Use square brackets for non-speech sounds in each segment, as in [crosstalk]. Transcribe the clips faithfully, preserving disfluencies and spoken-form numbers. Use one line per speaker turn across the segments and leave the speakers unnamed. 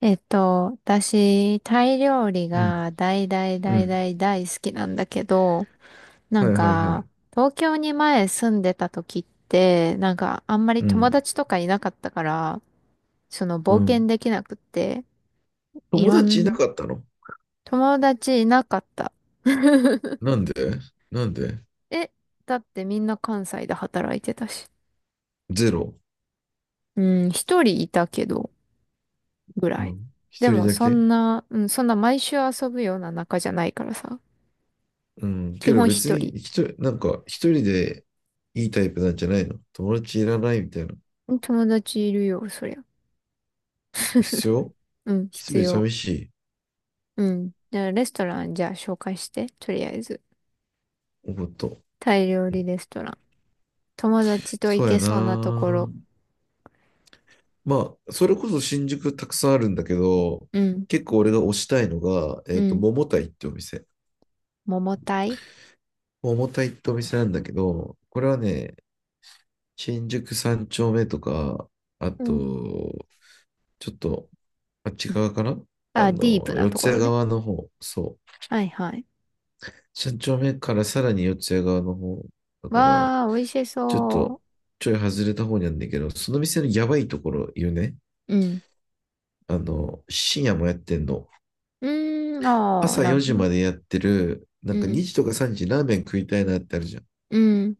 えっと、私、タイ料理
うん。
が大大
う
大
ん。
大大好きなんだけど、な
は
ん
いはいは
か、
い。
東京に前住んでた時って、なんか、あんまり
う
友
ん。
達とかいなかったから、その
う
冒険
ん。
できなくって、い
友
ろ
達いな
ん、
かったの？
友達いなかった。[laughs]
なんで？なんで？
え、だってみんな関西で働いてたし。
ゼロ？
うん、一人いたけど、ぐ
う
らい。
ん。
で
一人
も、
だ
そ
け？
んな、うん、そんな毎週遊ぶような仲じゃないからさ、
うん。
基
けど
本一
別に
人。
一人、なんか一人でいいタイプなんじゃないの？友達いらないみたいな。
友達いるよ、そりゃ。
必要？
うん、
一
必
人
要。
寂しい？
うん。じゃあ、レストラン、じゃあ、紹介して。とりあえず。
おこと。
タイ料理レストラン。友達と
そ
行
うや
けそうなところ。
な。まあ、それこそ新宿たくさんあるんだけど、
うん、
結構俺が推したいのが、え
う
っと、
ん。
桃いってお店。
桃タイ、
桃いってお店なんだけど、これはね、新宿三丁目とか、あ
う
と、
ん。
ちょっと、あっち側かな？あ
あ、ディー
の、
プな
四
と
ツ
こ
谷
ろね。
側の方、そう。
はいはい。
三丁目からさらに四ツ谷側の方、だから、
わー、美味し
ちょっと、
そ
ちょい外れた方にあるんだけど、その店のやばいところ言うね。
う。うん。
あの、深夜もやってんの。
うーん、あー、
朝
なる
4
ほ
時
ど。
までやってる、な
う
んか2
ん、
時とかさんじラーメン食いたいなってあるじゃん。
うん。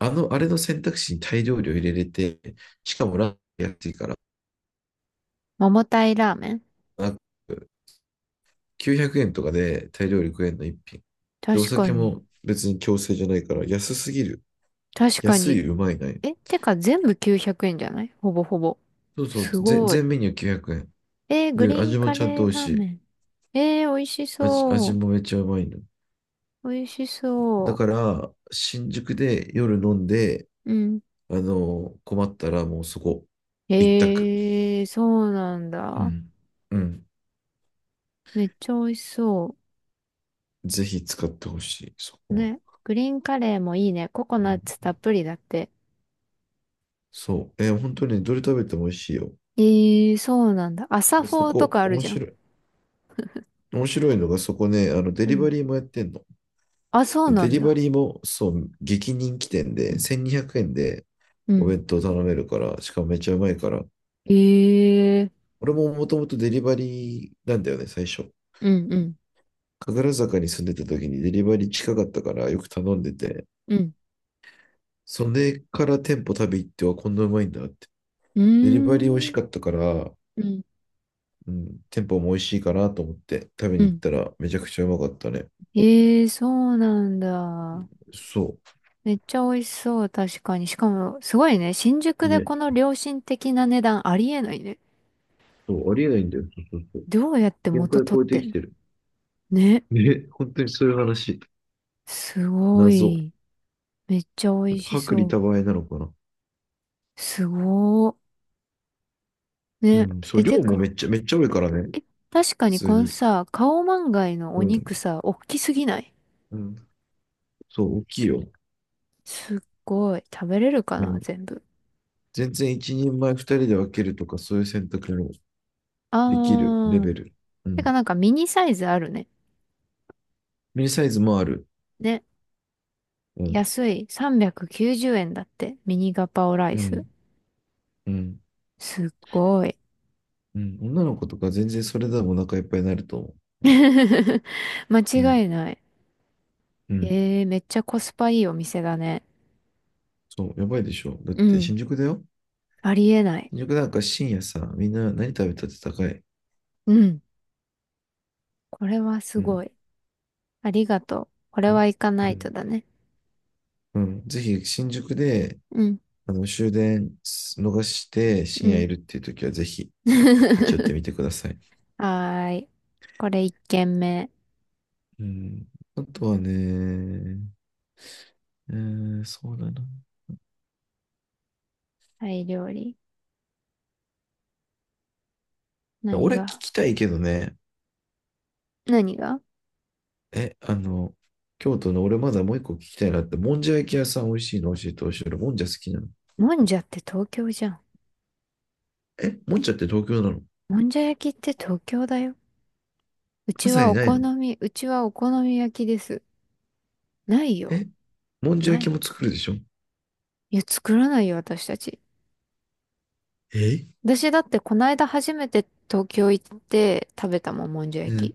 あの、あれの選択肢に大量量入れれて、しかもラーメン安いから、
桃タイラーメン、
きゅうひゃくえんとかでタイ料理食えんの一品。で、お
確か
酒
に。
も別に強制じゃないから、安すぎる。
確か
安
に。
い、うまいない。
え、てか全部きゅうひゃくえんじゃない？ほぼほぼ。
そうそう、
す
ぜ
ごい。
全メニューきゅうひゃくえん。
えー、グリ
で、
ーン
味も
カ
ちゃん
レ
と
ー
美味
ラ
し
ーメ
い。
ン。えー、美味し
味、
そ
味
う。
もめっちゃうまいの。
美味し
だ
そ
から、新宿で夜飲んで、
う。うん。
あの、困ったらもうそこ、一択。
えー、そうなん
う
だ。
ん。うん。
めっちゃ美味しそ
ぜひ使ってほしい、そ
う。
こは。
ね。グリーンカレーもいいね。ココ
う
ナッ
ん、
ツたっぷりだって。
そう。えー本当にどれ食べても美味しいよ。
えー、そうなんだ。朝
で、
フ
そ
ォーと
こ、
かある
面
じゃん。
白い。面白いのが、そこね、あの、デ
う
リバ
ん。
リーもやってんの。
あ、そう
で
な
デ
ん
リバ
だ。
リーも、そう、激人気店で、せんにひゃくえんで
う
お
ん。
弁当頼めるから、しかもめっちゃうまいから、
えー、
俺ももともとデリバリーなんだよね、最初。
うんうん。
神楽坂に住んでた時にデリバリー近かったからよく頼んでて、
うん。
それから店舗食べ行ってはこんなうまいんだって。
う
デリバリー美味し
ーん。
かったから、
うん。
うん、店舗も美味しいかなと思って食べ
う
に行っ
ん。
たらめちゃくちゃうまかったね。
えー、そうなんだ。
そ
めっちゃ美味しそう、確かに。しかも、すごいね。新
う。
宿で
ね。
この良心的な値段ありえないね。
そう、ありえないんだよ。そうそうそう。
どうやって
限
元
界
取っ
超え
て
て
ん
き
の？
てる。
ね。
ね、本当にそういう話。
すご
謎。
い。めっちゃ美味し
薄利
そ
多売なのかな。
う。すごー。
う
ね。
ん、そう、
え、
量
て
もめ
か、
っちゃ、めっちゃ多いからね、普
え、確かに
通
この
に。
さ、カオマンガイのお
うん、
肉さ、おっきすぎない？
うん。そう、大きいよ。
すっごい。食べれるか
う
な、
ん。
全部。
全然一人前ふたりで分けるとか、そういう選択もできるレ
あ
ベ
ー。
ル。う
てか
ん。
なんかミニサイズあるね。
ミニサイズもある。
ね。
うん、
安い。さんびゃくきゅうじゅうえんだって。ミニガパオライ
う
ス。
ん、うん、
すっごい。
うん。女の子とか全然それでもお腹いっぱいになると思う。
[laughs] 間
うん、
違いない。
うん。
えー、めっちゃコスパいいお店だね。
そう、やばいでしょ。だっ
う
て
ん。
新宿だよ。
ありえない。
新宿なんか深夜さ、みんな何食べたって高い。
うん。これはす
うん。
ごい。ありがとう。これ
よ
は行か
う
ないと
ん。
だね。
うん。ぜひ新宿で、
うん。
あの、終電逃して
う
深夜
ん。
いるっていう時はぜひ立ち寄ってみて
[laughs]
ください。
はーい。これ一軒目。
うん。あとはね、えー、そうだな。
タイ料理。何
俺聞
が？
きたいけどね、
何が？
え、あの、京都の俺まだもういっこ聞きたいなって、もんじゃ焼き屋さん美味しいの教えてほしい。俺もんじゃ好きなの。
もんじゃって東京じゃん。
え、もんじゃって東京なの？
もんじゃ焼きって東京だよ。う
関
ち
西
は
に
お
ない
好
の？
み、うちはお好み焼きです。ないよ。
え、もんじゃ
な
焼き
い。
も作るでしょ？
いや、作らないよ、私たち。
え？
私だってこの間初めて東京行って食べたもん、もんじゃ焼き。
ね、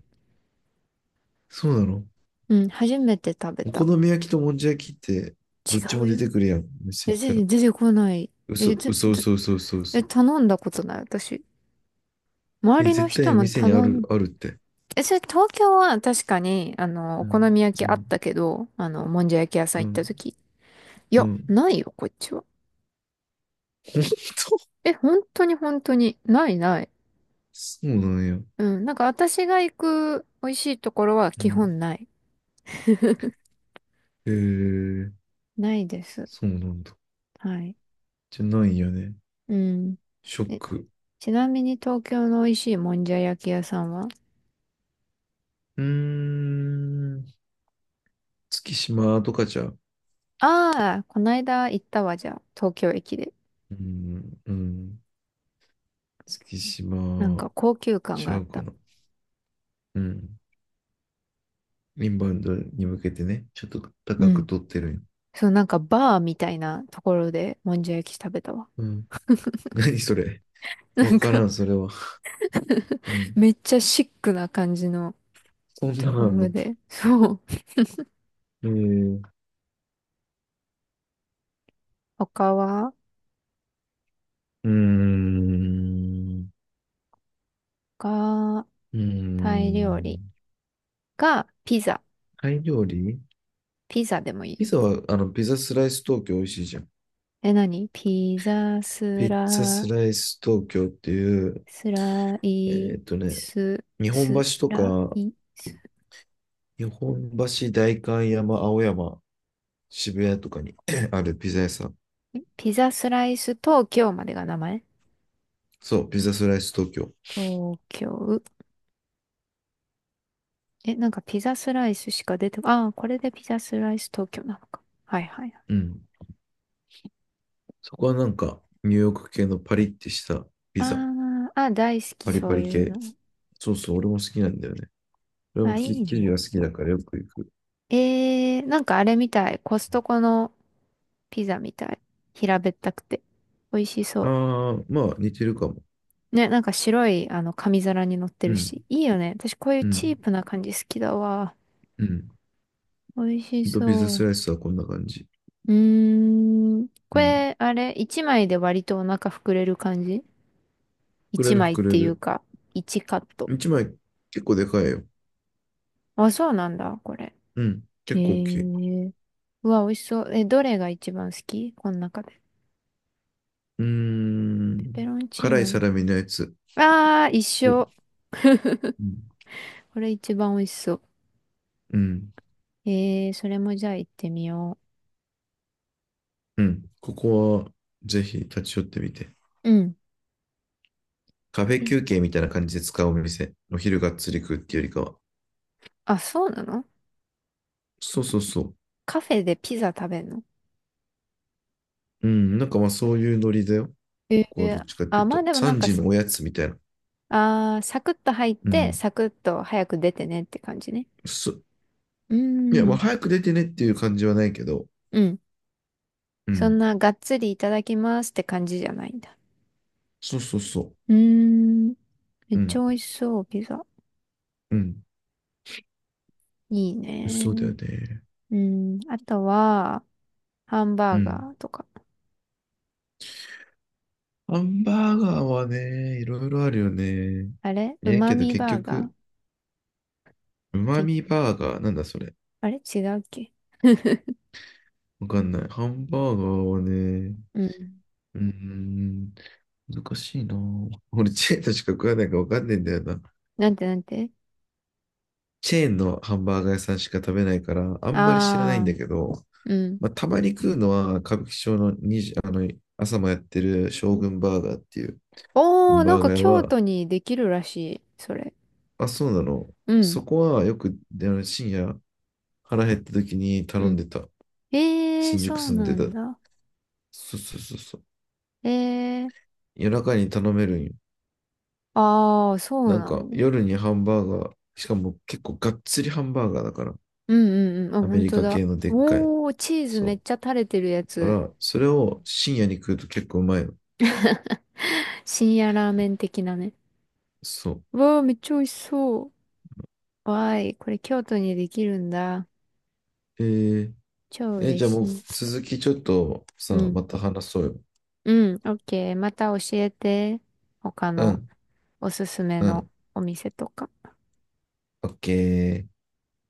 そうなの？
うん、初めて食べ
お好
た。
み焼きともんじゃ焼きってどっち
違
も
う
出
よ。
てくるやん？店
え、
行った
全
ら。
然出てこない。
嘘、
え、ず、
嘘、
ず、
嘘、嘘、嘘、
え、
嘘。
頼んだことない、私。周
え、
りの
絶
人
対
も
店にあ
頼
る、
ん、
あるって。
え、それ東京は確かに、あの、お
う
好
ん。
み焼
う
きあっ
ん、
たけど、あの、もんじゃ焼き屋さん
う
行った
ん、
時。い
う
や、
ん。
ないよ、こっちは。
[laughs]
え、本当に本当に。ないない。
そうなんや。
うん、なんか私が行く美味しいところは
う
基
ん。
本ない。
へえー、
ないです。
そうなんだ。
はい。
じゃないんやね。
うん。
ショッ
え
ク。
ちなみに東京の美味しいもんじゃ焼き屋さんは？
うーん。月島とかじゃう？
ああー、こないだ行ったわ、じゃあ、東京駅で。
うん、うん。月
なん
島
か高級感
ち
があ
ゃ
っ
うか
た。
な。うん。インバウンドに向けてね、ちょっと
う
高く
ん。
取ってるんよ。
そう、なんかバーみたいなところでもんじゃ焼き食べたわ。
うん。何それ？
[laughs] な
わ
ん
から
か
ん、それは。う
[laughs]
ん。
めっちゃシックな感じの
そんな
と
ん
こ
あん
ろ
の？
で。そう。
えー、
他は、
うーん。
が、
うー
タイ料理
ん。
かピザ。
タイ料理？
ピザでもいい
ピ
よ。
ザは、あの、ピザスライス東京美味しいじゃん。
え、何ピザ
ピ
ス
ッツァ
ラ、
スライス東京っていう、
スラ
え
イ
ーっとね、
ス、
日本
ス
橋と
ラ
か、
イス。
日本橋、代官山、青山、渋谷とかに [clears throat] あるピザ屋さん。
ピザスライス東京までが名前？
そう、ピザスライス東京。
東京。え、なんかピザスライスしか出てこ、ああ、これでピザスライス東京なのか。はいはいはい。
うん。そこはなんか、ニューヨーク系のパリってしたピ
あ
ザ。
ーあ、大好き
パリ
そ
パ
う
リ
いう
系。
の。
そうそう、俺も好きなんだよね。俺も
あ、い
き
い
生地が
ね。
好きだからよく行く。
えー、なんかあれみたい。コストコのピザみたい。平べったくて。美味しそ
ああ、まあ似てるかも。
う。ね、なんか白い、あの、紙皿に乗って
う
る
ん、
し。いいよね。私こういう
う
チー
ん、
プな感じ好きだわ。
うん。
美味し
とピザ
そ
ス
う。
ライスはこんな感じ。
うーん。こ
うん。
れ、あれ、一枚で割とお腹膨れる感じ？
膨
一
れる
枚っ
膨れ
ていう
る。
か、一カット。
いちまい結構でかいよ。
あ、そうなんだ、これ。
うん。
へ
結構大きい。
え。うわ、美味しそう。え、どれが一番好きこの中で？
うーん。
ペペロンチー
辛い
ノ。
サラミのやつ。
あー、一
うん
緒。これ一番美味しそう。
うん。
えー、それもじゃあ行ってみよ
うん。ここはぜひ立ち寄ってみて。
う。うん。
カフェ
ピ、
休憩みたいな感じで使うお店。お昼がっつり食うっていうよりかは。
あ、そうなの？
そうそうそう。
カフェでピザ食べるの？
うん。なんかまあそういうノリだよ。
え
ここはどっ
ー、
ちかって
あ、
いう
まあ
と。
でもなん
3
か、
時のおやつみたいな。
あー、サクッと入っ
う
て、
ん。
サクッと早く出てねって感じね。
そ、
うー
いや、まあ
ん。
早く出てねっていう感じはないけど。
うん。
う
そん
ん。
ながっつりいただきますって感じじゃないんだ。
そうそうそ
うーん。め
う。
っ
う
ち
ん。
ゃ美味しそう、ピザ。
うん。
いい
そうだよ
ね。
ね。
うん。あとは、ハン
う
バーガ
ん。
ーとか。
ハンバーガーはね、いろいろあるよね。
あれう
ええ
ま
けど
み
結
バーガ
局、
ー？
うま
け
みバーガー、なんだそれ？
あれ違うっけ？
わかんない。ハンバーガーはね、
うん。
うーん、難しいな。俺、チェーンとしか食わないからわかんないんだよな。
なんて？なんて？
チェーンのハンバーガー屋さんしか食べないから、あんまり知らないん
あ
だ
あ
けど、
ー、うん。
まあ、たまに食うのは、歌舞伎町のにじあの、朝もやってる
う
将
ん、
軍バーガーっていうハ
お
ン
ー、なん
バー
か
ガー屋
京
は、
都にできるらしい、それ。
あ、そうなの。
うん。
そこはよく、あの、深夜腹減った時に
う
頼ん
ん。
でた。
えー、
新宿
そう
住ん
な
で
ん
た。
だ。
そうそうそうそう。
えー、
夜中に頼めるんよ。
ああ、そう
なん
な
か
の？
夜にハンバーガー、しかも結構がっつりハンバーガーだから。
うんうんうん。あ、
アメ
本
リ
当
カ
だ。
系のでっかい。
おー、チーズめっ
そ
ちゃ垂れてるや
う。だか
つ。
ら、それを深夜に食うと結構うまいの。
[laughs] 深夜ラーメン的なね。
そう。
わー、めっちゃ美味しそう。わーい、これ京都にできるんだ。
えー、
超
え
嬉
じゃあも
し
う
い。
続きちょっと
う
さ、
ん。
また話そうよ。
うん、オッケー。また教えて。他
う
の
ん、
おすすめ
う
の
ん。
お店とか。
オッケー。